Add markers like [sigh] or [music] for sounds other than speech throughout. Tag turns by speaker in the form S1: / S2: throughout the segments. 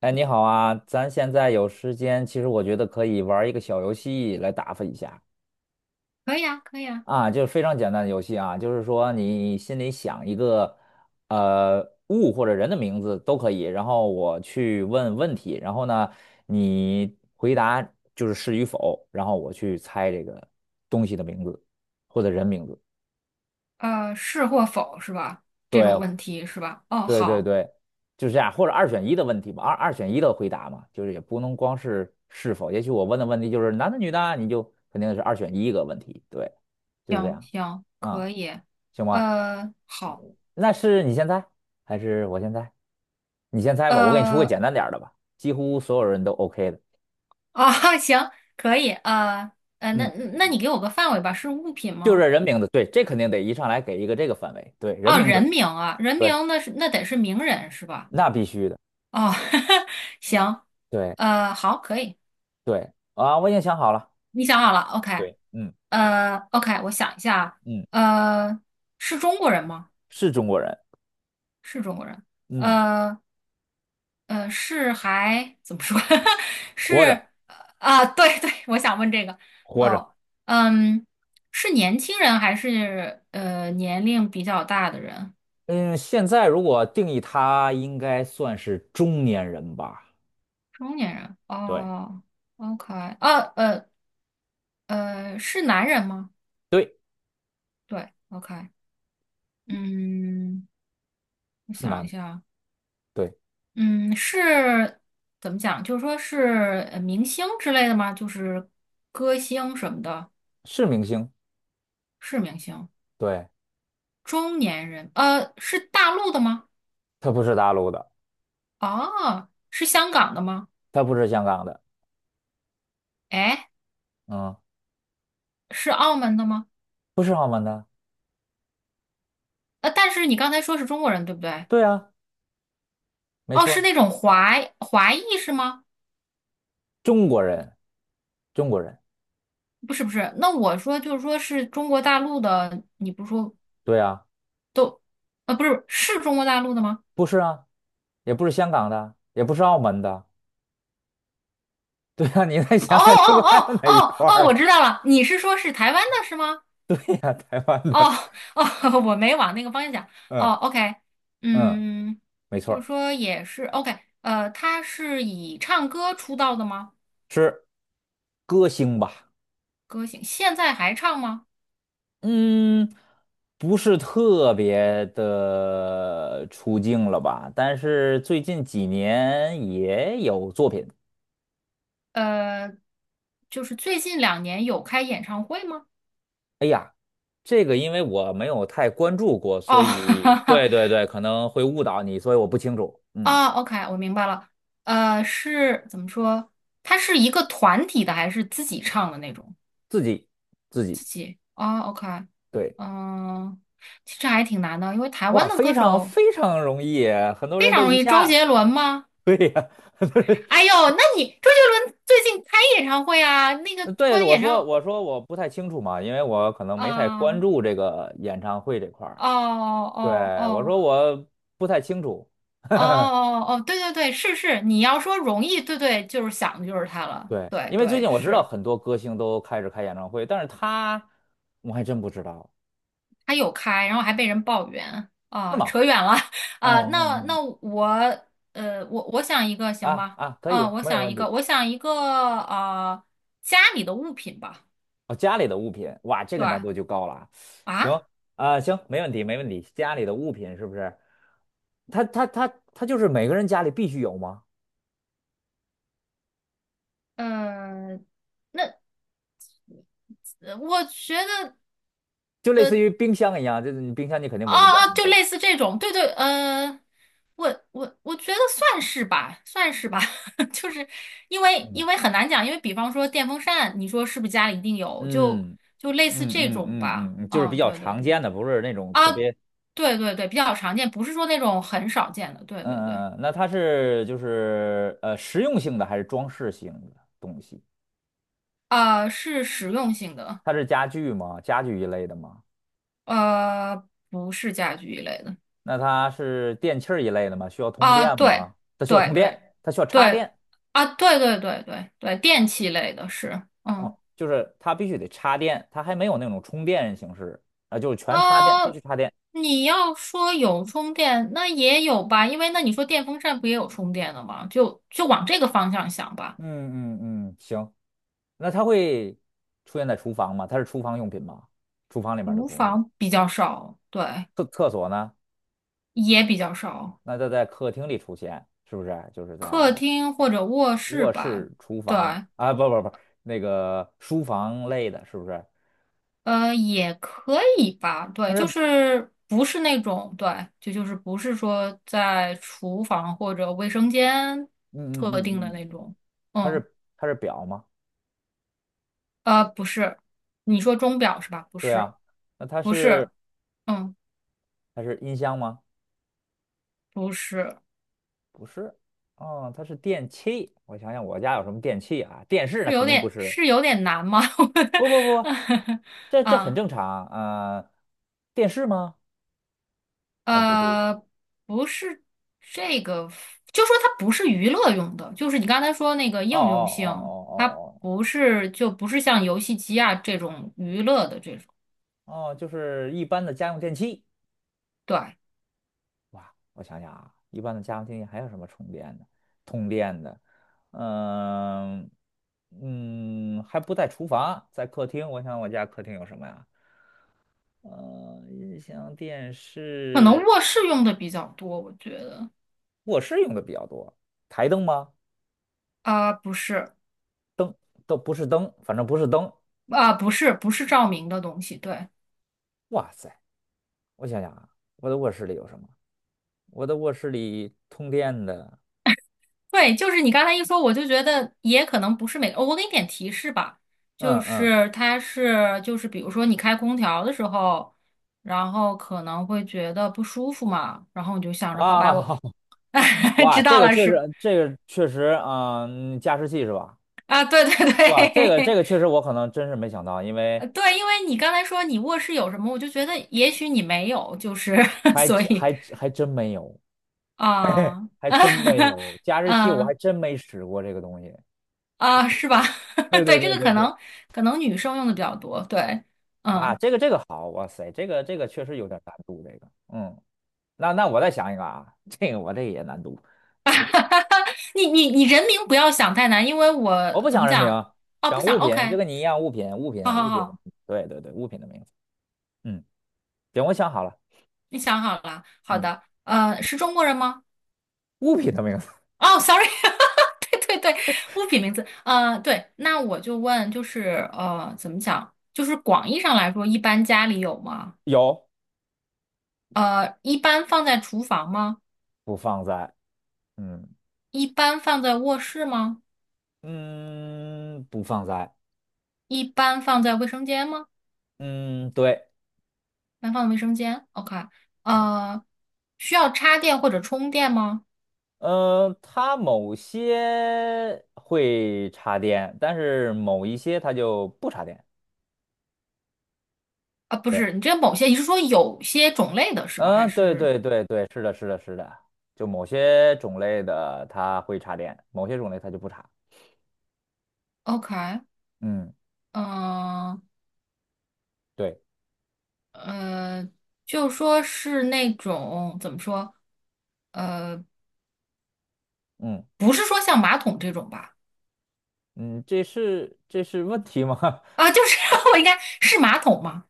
S1: 哎，你好啊，咱现在有时间，其实我觉得可以玩一个小游戏来打发一下
S2: 可以啊，可以啊，
S1: 啊，就是非常简单的游戏啊，就是说你心里想一个物或者人的名字都可以，然后我去问问题，然后呢你回答就是是与否，然后我去猜这个东西的名字或者人名字，
S2: 是或否是吧？这种
S1: 对，
S2: 问题是吧？哦，
S1: 对对
S2: 好，
S1: 对，就是这样，或者二选一的问题吧，二选一的回答嘛，就是也不能光是是否，也许我问的问题就是男的女的啊，你就肯定是二选一个问题，对，就是这
S2: 行
S1: 样，
S2: 行，
S1: 啊、
S2: 可以，
S1: 行吗？
S2: 好，
S1: 那是你先猜还是我先猜？你先猜吧，我给你出个
S2: 呃，
S1: 简单点儿的吧，几乎所有人都 OK 的。
S2: [laughs] 行，可以，那
S1: 嗯，
S2: 你给我个范围吧，是物品
S1: 就是
S2: 吗？
S1: 人名字，对，这肯定得一上来给一个这个范围，对，人
S2: 哦，
S1: 名字，
S2: 人名啊，人
S1: 对，
S2: 名那得是名人是吧？
S1: 那必须的，
S2: 哦，[laughs] 行，
S1: 对
S2: 好，可以，
S1: 对，啊，我已经想好了，
S2: 你想好了，OK，
S1: 对，嗯
S2: OK，我想一下
S1: 嗯，
S2: 啊，是中国人吗？
S1: 是中国人，
S2: 是中国人。
S1: 嗯，
S2: 呃，是还怎么说？[laughs]
S1: 活
S2: 是，
S1: 着。
S2: 对对，我想问这个。
S1: 活着。
S2: 哦，嗯，是年轻人还是年龄比较大的人？
S1: 嗯，现在如果定义他，应该算是中年人吧？
S2: 中年人。
S1: 对，
S2: 哦哦，OK，呃呃是男人吗？
S1: 对，
S2: 对，OK，嗯，我
S1: 是
S2: 想
S1: 男
S2: 一
S1: 的，
S2: 下，
S1: 对，
S2: 嗯，是怎么讲？就是说是明星之类的吗？就是歌星什么的，
S1: 是明星，
S2: 是明星。
S1: 对，
S2: 中年人，是大陆的吗？
S1: 他不是大陆的，
S2: 哦，是香港的吗？
S1: 他不是香港的，
S2: 哎，
S1: 嗯，
S2: 是澳门的吗？
S1: 不是澳门的，
S2: 但是你刚才说是中国人，对不对？
S1: 对啊，没
S2: 哦，
S1: 错
S2: 是
S1: 儿，
S2: 那种华裔是吗？
S1: 中国人，中国人，
S2: 不是不是，那我说就是说是中国大陆的，你不是说
S1: 对啊，
S2: 都，不是，是中国大陆的吗？
S1: 不是啊，也不是香港的，也不是澳门的，对啊，你再
S2: 哦
S1: 想想，中国
S2: 哦
S1: 还
S2: 哦
S1: 有哪一
S2: 哦
S1: 块
S2: 哦，
S1: 儿
S2: 我
S1: 吧？
S2: 知道了，你是说是台湾的是吗？
S1: [laughs] 对呀，台湾
S2: 哦
S1: 的，
S2: 哦，[laughs] 我没往那个方向想。哦
S1: 嗯
S2: ，OK，
S1: 嗯，
S2: 嗯，
S1: 没错
S2: 就是
S1: 儿，
S2: 说也是 OK，他是以唱歌出道的吗？
S1: 是歌星吧？
S2: 歌星现在还唱吗？
S1: 嗯，不是特别的出镜了吧？但是最近几年也有作品。
S2: 呃，就是最近两年有开演唱会吗？
S1: 哎呀，这个因为我没有太关注过，所
S2: 哦，
S1: 以
S2: [laughs]
S1: 对，可能会误导你，所以我不清楚。嗯，
S2: 啊，OK，我明白了。是怎么说？它是一个团体的还是自己唱的那种？
S1: 自己自己，
S2: 自己啊，OK，
S1: 对，
S2: 嗯，其实还挺难的，因为台
S1: 哇，
S2: 湾的
S1: 非
S2: 歌
S1: 常
S2: 手
S1: 非常容易，很多
S2: 非
S1: 人都
S2: 常容
S1: 一
S2: 易。周
S1: 下。[laughs]
S2: 杰伦吗？
S1: 对呀，[laughs] 很多人
S2: 哎呦，那你周杰伦最近开演唱会啊？那个
S1: 对，
S2: 关于
S1: 我
S2: 演
S1: 说
S2: 唱
S1: 我说我不太清楚嘛，因为我可能没太关
S2: 啊，
S1: 注这个演唱会这块儿。
S2: 哦哦
S1: 对，我
S2: 哦。
S1: 说我不太清楚。[laughs]
S2: 哦哦哦，对对对，是是，你要说容易，对对，就是想的就是它了，
S1: 对，
S2: 对
S1: 因为最
S2: 对
S1: 近我知道
S2: 是，
S1: 很多歌星都开始开演唱会，但是他我还真不知道，
S2: 它有开，然后还被人抱怨
S1: 是
S2: 啊，
S1: 吗？
S2: 扯远了 [laughs]
S1: 嗯
S2: 啊，那
S1: 嗯嗯，
S2: 我我我想一个行
S1: 啊
S2: 吧，
S1: 啊，可
S2: 啊，
S1: 以，
S2: 我
S1: 没有
S2: 想
S1: 问
S2: 一个，
S1: 题。
S2: 我想一个啊，家里的物品吧，
S1: 哦，家里的物品，哇，这
S2: 对
S1: 个难度就高了啊。行
S2: 啊，
S1: 啊，行，没问题，没问题。家里的物品是不是？他他就是每个人家里必须有吗？
S2: 呃，那我觉得。
S1: 就类似于冰箱一样，就是你冰箱你肯定
S2: 哦
S1: 每个家
S2: 哦，
S1: 里
S2: 就
S1: 都有。
S2: 类似这种，对对，我觉得算是吧，算是吧，[laughs] 就是
S1: 嗯
S2: 因为很难讲，因为比方说电风扇，你说是不是家里一定有，
S1: 嗯
S2: 就类似
S1: 嗯
S2: 这
S1: 嗯
S2: 种
S1: 嗯嗯，
S2: 吧，
S1: 嗯就是比
S2: 嗯，
S1: 较
S2: 对对
S1: 常
S2: 对，
S1: 见的，不是那种
S2: 啊，
S1: 特别。
S2: 对对对，比较常见，不是说那种很少见的，对对对，
S1: 嗯嗯，嗯那它是就是实用性的还是装饰性的东西？
S2: 啊，是实用性的，
S1: 它是家具吗？家具一类的吗？
S2: 呃，不是家居一类的，
S1: 那它是电器儿一类的吗？需要通
S2: 啊，
S1: 电
S2: 对
S1: 吗？它需要
S2: 对
S1: 通
S2: 对
S1: 电，它需要插
S2: 对，
S1: 电，
S2: 啊，对对对对对，电器类的是，嗯。
S1: 哦，就是它必须得插电，它还没有那种充电形式啊，就是全插电，必须
S2: 呃，
S1: 插电。
S2: 你要说有充电，那也有吧，因为那你说电风扇不也有充电的吗？就往这个方向想吧。
S1: 嗯嗯嗯，行，那它会出现在厨房吗？它是厨房用品吗？厨房里面的
S2: 厨
S1: 东西吗？
S2: 房比较少，对，
S1: 厕所呢？
S2: 也比较少。
S1: 那它在客厅里出现，是不是？就是
S2: 客
S1: 在
S2: 厅或者卧室
S1: 卧
S2: 吧，
S1: 室、厨
S2: 对，
S1: 房啊，不，那个书房类的，是不是？
S2: 也可以吧，对，
S1: 它是，
S2: 就
S1: 嗯
S2: 是不是那种，对，就是不是说在厨房或者卫生间
S1: 嗯
S2: 特定
S1: 嗯
S2: 的
S1: 嗯，
S2: 那种，
S1: 它
S2: 嗯，
S1: 是它是表吗？
S2: 不是，你说钟表是吧？不
S1: 对
S2: 是，
S1: 啊，那它
S2: 不
S1: 是
S2: 是。嗯。
S1: 它是音箱吗？
S2: 不是，
S1: 不是，哦，它是电器。我想想，我家有什么电器啊？电视
S2: 是
S1: 那
S2: 有
S1: 肯定不
S2: 点
S1: 是，
S2: 是有点难吗？
S1: 不，
S2: [laughs]
S1: 这这很
S2: 啊
S1: 正常啊，电视吗？啊，不对，
S2: 呃，不是这个，就说它不是娱乐用的，就是你刚才说那个
S1: 哦哦
S2: 应用性，它
S1: 哦
S2: 不是就不是像游戏机啊这种娱乐的这种，
S1: 哦，哦，就是一般的家用电器。
S2: 对，
S1: 哇，我想想啊，一般的家用电器还有什么充电的、通电的？嗯嗯，还不在厨房，在客厅。我想我家客厅有什么呀？呃，音箱、电
S2: 可能
S1: 视、
S2: 卧室用的比较多，我觉得
S1: 卧室用的比较多。台灯吗？
S2: 啊，不是
S1: 灯都不是灯，反正不是灯。
S2: 啊，不是不是照明的东西，对。
S1: 哇塞，我想想啊，我的卧室里有什么？我的卧室里通电的，
S2: 对，就是你刚才一说，我就觉得也可能不是每个，哦我给你点提示吧，就
S1: 嗯嗯
S2: 是它是就是比如说你开空调的时候，然后可能会觉得不舒服嘛，然后你就想着好
S1: 啊。
S2: 吧，我
S1: [laughs]
S2: [laughs]
S1: 哇，
S2: 知
S1: 这
S2: 道
S1: 个
S2: 了
S1: 确
S2: 是
S1: 实，这个确实啊，嗯加湿器是吧？
S2: 啊，对对
S1: 哇，这个这
S2: 对，
S1: 个确实我可能真是没想到，因
S2: [laughs]
S1: 为
S2: 对，因为你刚才说你卧室有什么，我就觉得也许你没有，就是 [laughs]
S1: 还
S2: 所
S1: 真
S2: 以
S1: 还真还真没有，
S2: 啊，
S1: 还真没
S2: [laughs]
S1: 有加湿器，我还
S2: 嗯
S1: 真没使过这个东西。
S2: 啊，是吧？
S1: 对
S2: [laughs]
S1: 对
S2: 对，这
S1: 对
S2: 个
S1: 对
S2: 可
S1: 对，
S2: 能女生用的比较多，对，
S1: 啊，
S2: 嗯。
S1: 这个这个好，哇塞，这个这个确实有点难度，这个，嗯，那那我再想一个啊，这个我这个也难度，我不
S2: [laughs] 哈
S1: 想
S2: 哈，你人名不要想太难，因为我
S1: 我不
S2: 怎
S1: 想
S2: 么
S1: 人名，
S2: 讲？哦，不
S1: 想
S2: 想
S1: 物品，就
S2: ，OK，
S1: 跟你一样，
S2: 好好
S1: 物品的名
S2: 好，
S1: 字，对，物品的名字，嗯，行，我想好了，
S2: 你想好了，好
S1: 嗯，
S2: 的，是中国人吗？
S1: 物品的名字
S2: 哦，sorry，[laughs] 哈哈，对对对，物品名字，对，那我就问，就是怎么讲？就是广义上来说，一般家里有吗？
S1: 有，
S2: 一般放在厨房吗？
S1: 不放在，嗯
S2: 一般放在卧室吗？
S1: 嗯，不放在。
S2: 一般放在卫生间吗？
S1: 嗯，对，
S2: 一般放在卫生间，OK，
S1: 嗯，
S2: 呃，需要插电或者充电吗？
S1: 它某些会插电，但是某一些它就不插电。
S2: 啊，不
S1: 对，
S2: 是，你这某些，你是说有些种类的是吧？还
S1: 嗯，对
S2: 是
S1: 对对对，是的，是的，是的，就某些种类的它会插电，某些种类它就不插。
S2: OK？
S1: 嗯，
S2: 嗯
S1: 对，
S2: 呃，就说是那种怎么说？呃，
S1: 嗯
S2: 不是说像马桶这种吧？
S1: 嗯，这是这是问题吗？[laughs]
S2: 啊，就是 [laughs] 我应该是马桶吗？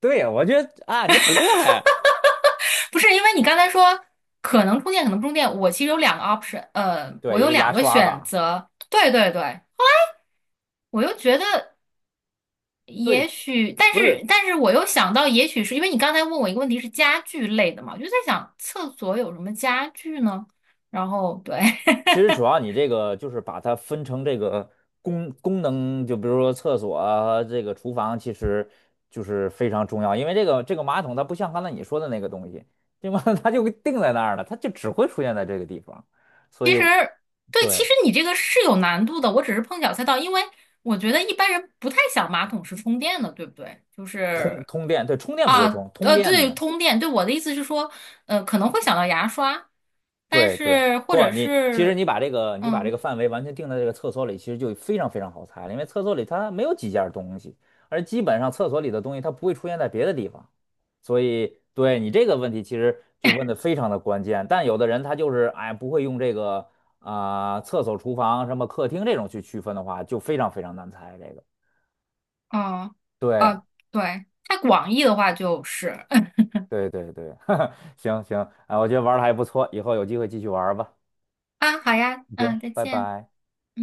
S1: 对，我觉得啊，你很厉害啊。
S2: 不是，因为你刚才说可能充电，可能不充电。我其实有两个 option，我
S1: 对，一
S2: 有
S1: 个牙
S2: 两个
S1: 刷
S2: 选
S1: 吧。
S2: 择。对对对，我又觉得。
S1: 对，
S2: 也许，但
S1: 不是
S2: 是我又想到，也许是因为你刚才问我一个问题是家具类的嘛，我就在想厕所有什么家具呢？然后对，
S1: 其实
S2: [laughs]
S1: 主要你这个就是把它分成这个功能，就比如说厕所啊，这个厨房，其实就是非常重要，因为这个这个马桶它不像刚才你说的那个东西，对吗？[laughs] 它就定在那儿了，它就只会出现在这个地方，所
S2: 其
S1: 以
S2: 实对，其
S1: 对
S2: 实你这个是有难度的，我只是碰巧猜到，因为我觉得一般人不太想马桶是充电的，对不对？就
S1: 通
S2: 是
S1: 通电，对充电不
S2: 啊，
S1: 会充，通电
S2: 对，
S1: 呢，
S2: 通电，对，我的意思是说，可能会想到牙刷，但
S1: 对对，
S2: 是或
S1: 不，
S2: 者
S1: 你其实
S2: 是
S1: 你把这
S2: 嗯，
S1: 个范围完全定在这个厕所里，其实就非常非常好猜了，因为厕所里它没有几件东西，而基本上厕所里的东西它不会出现在别的地方。所以对你这个问题其实就问的非常的关键。但有的人他就是哎不会用这个啊、厕所、厨房、什么客厅这种去区分的话，就非常非常难猜这个。
S2: 哦、
S1: 对
S2: 啊，对，太广义的话就是。
S1: 对，[laughs] 行行，啊，我觉得玩的还不错，以后有机会继续玩儿吧。
S2: 啊，好呀，
S1: 行，
S2: 嗯，再
S1: 拜
S2: 见。
S1: 拜。
S2: 嗯。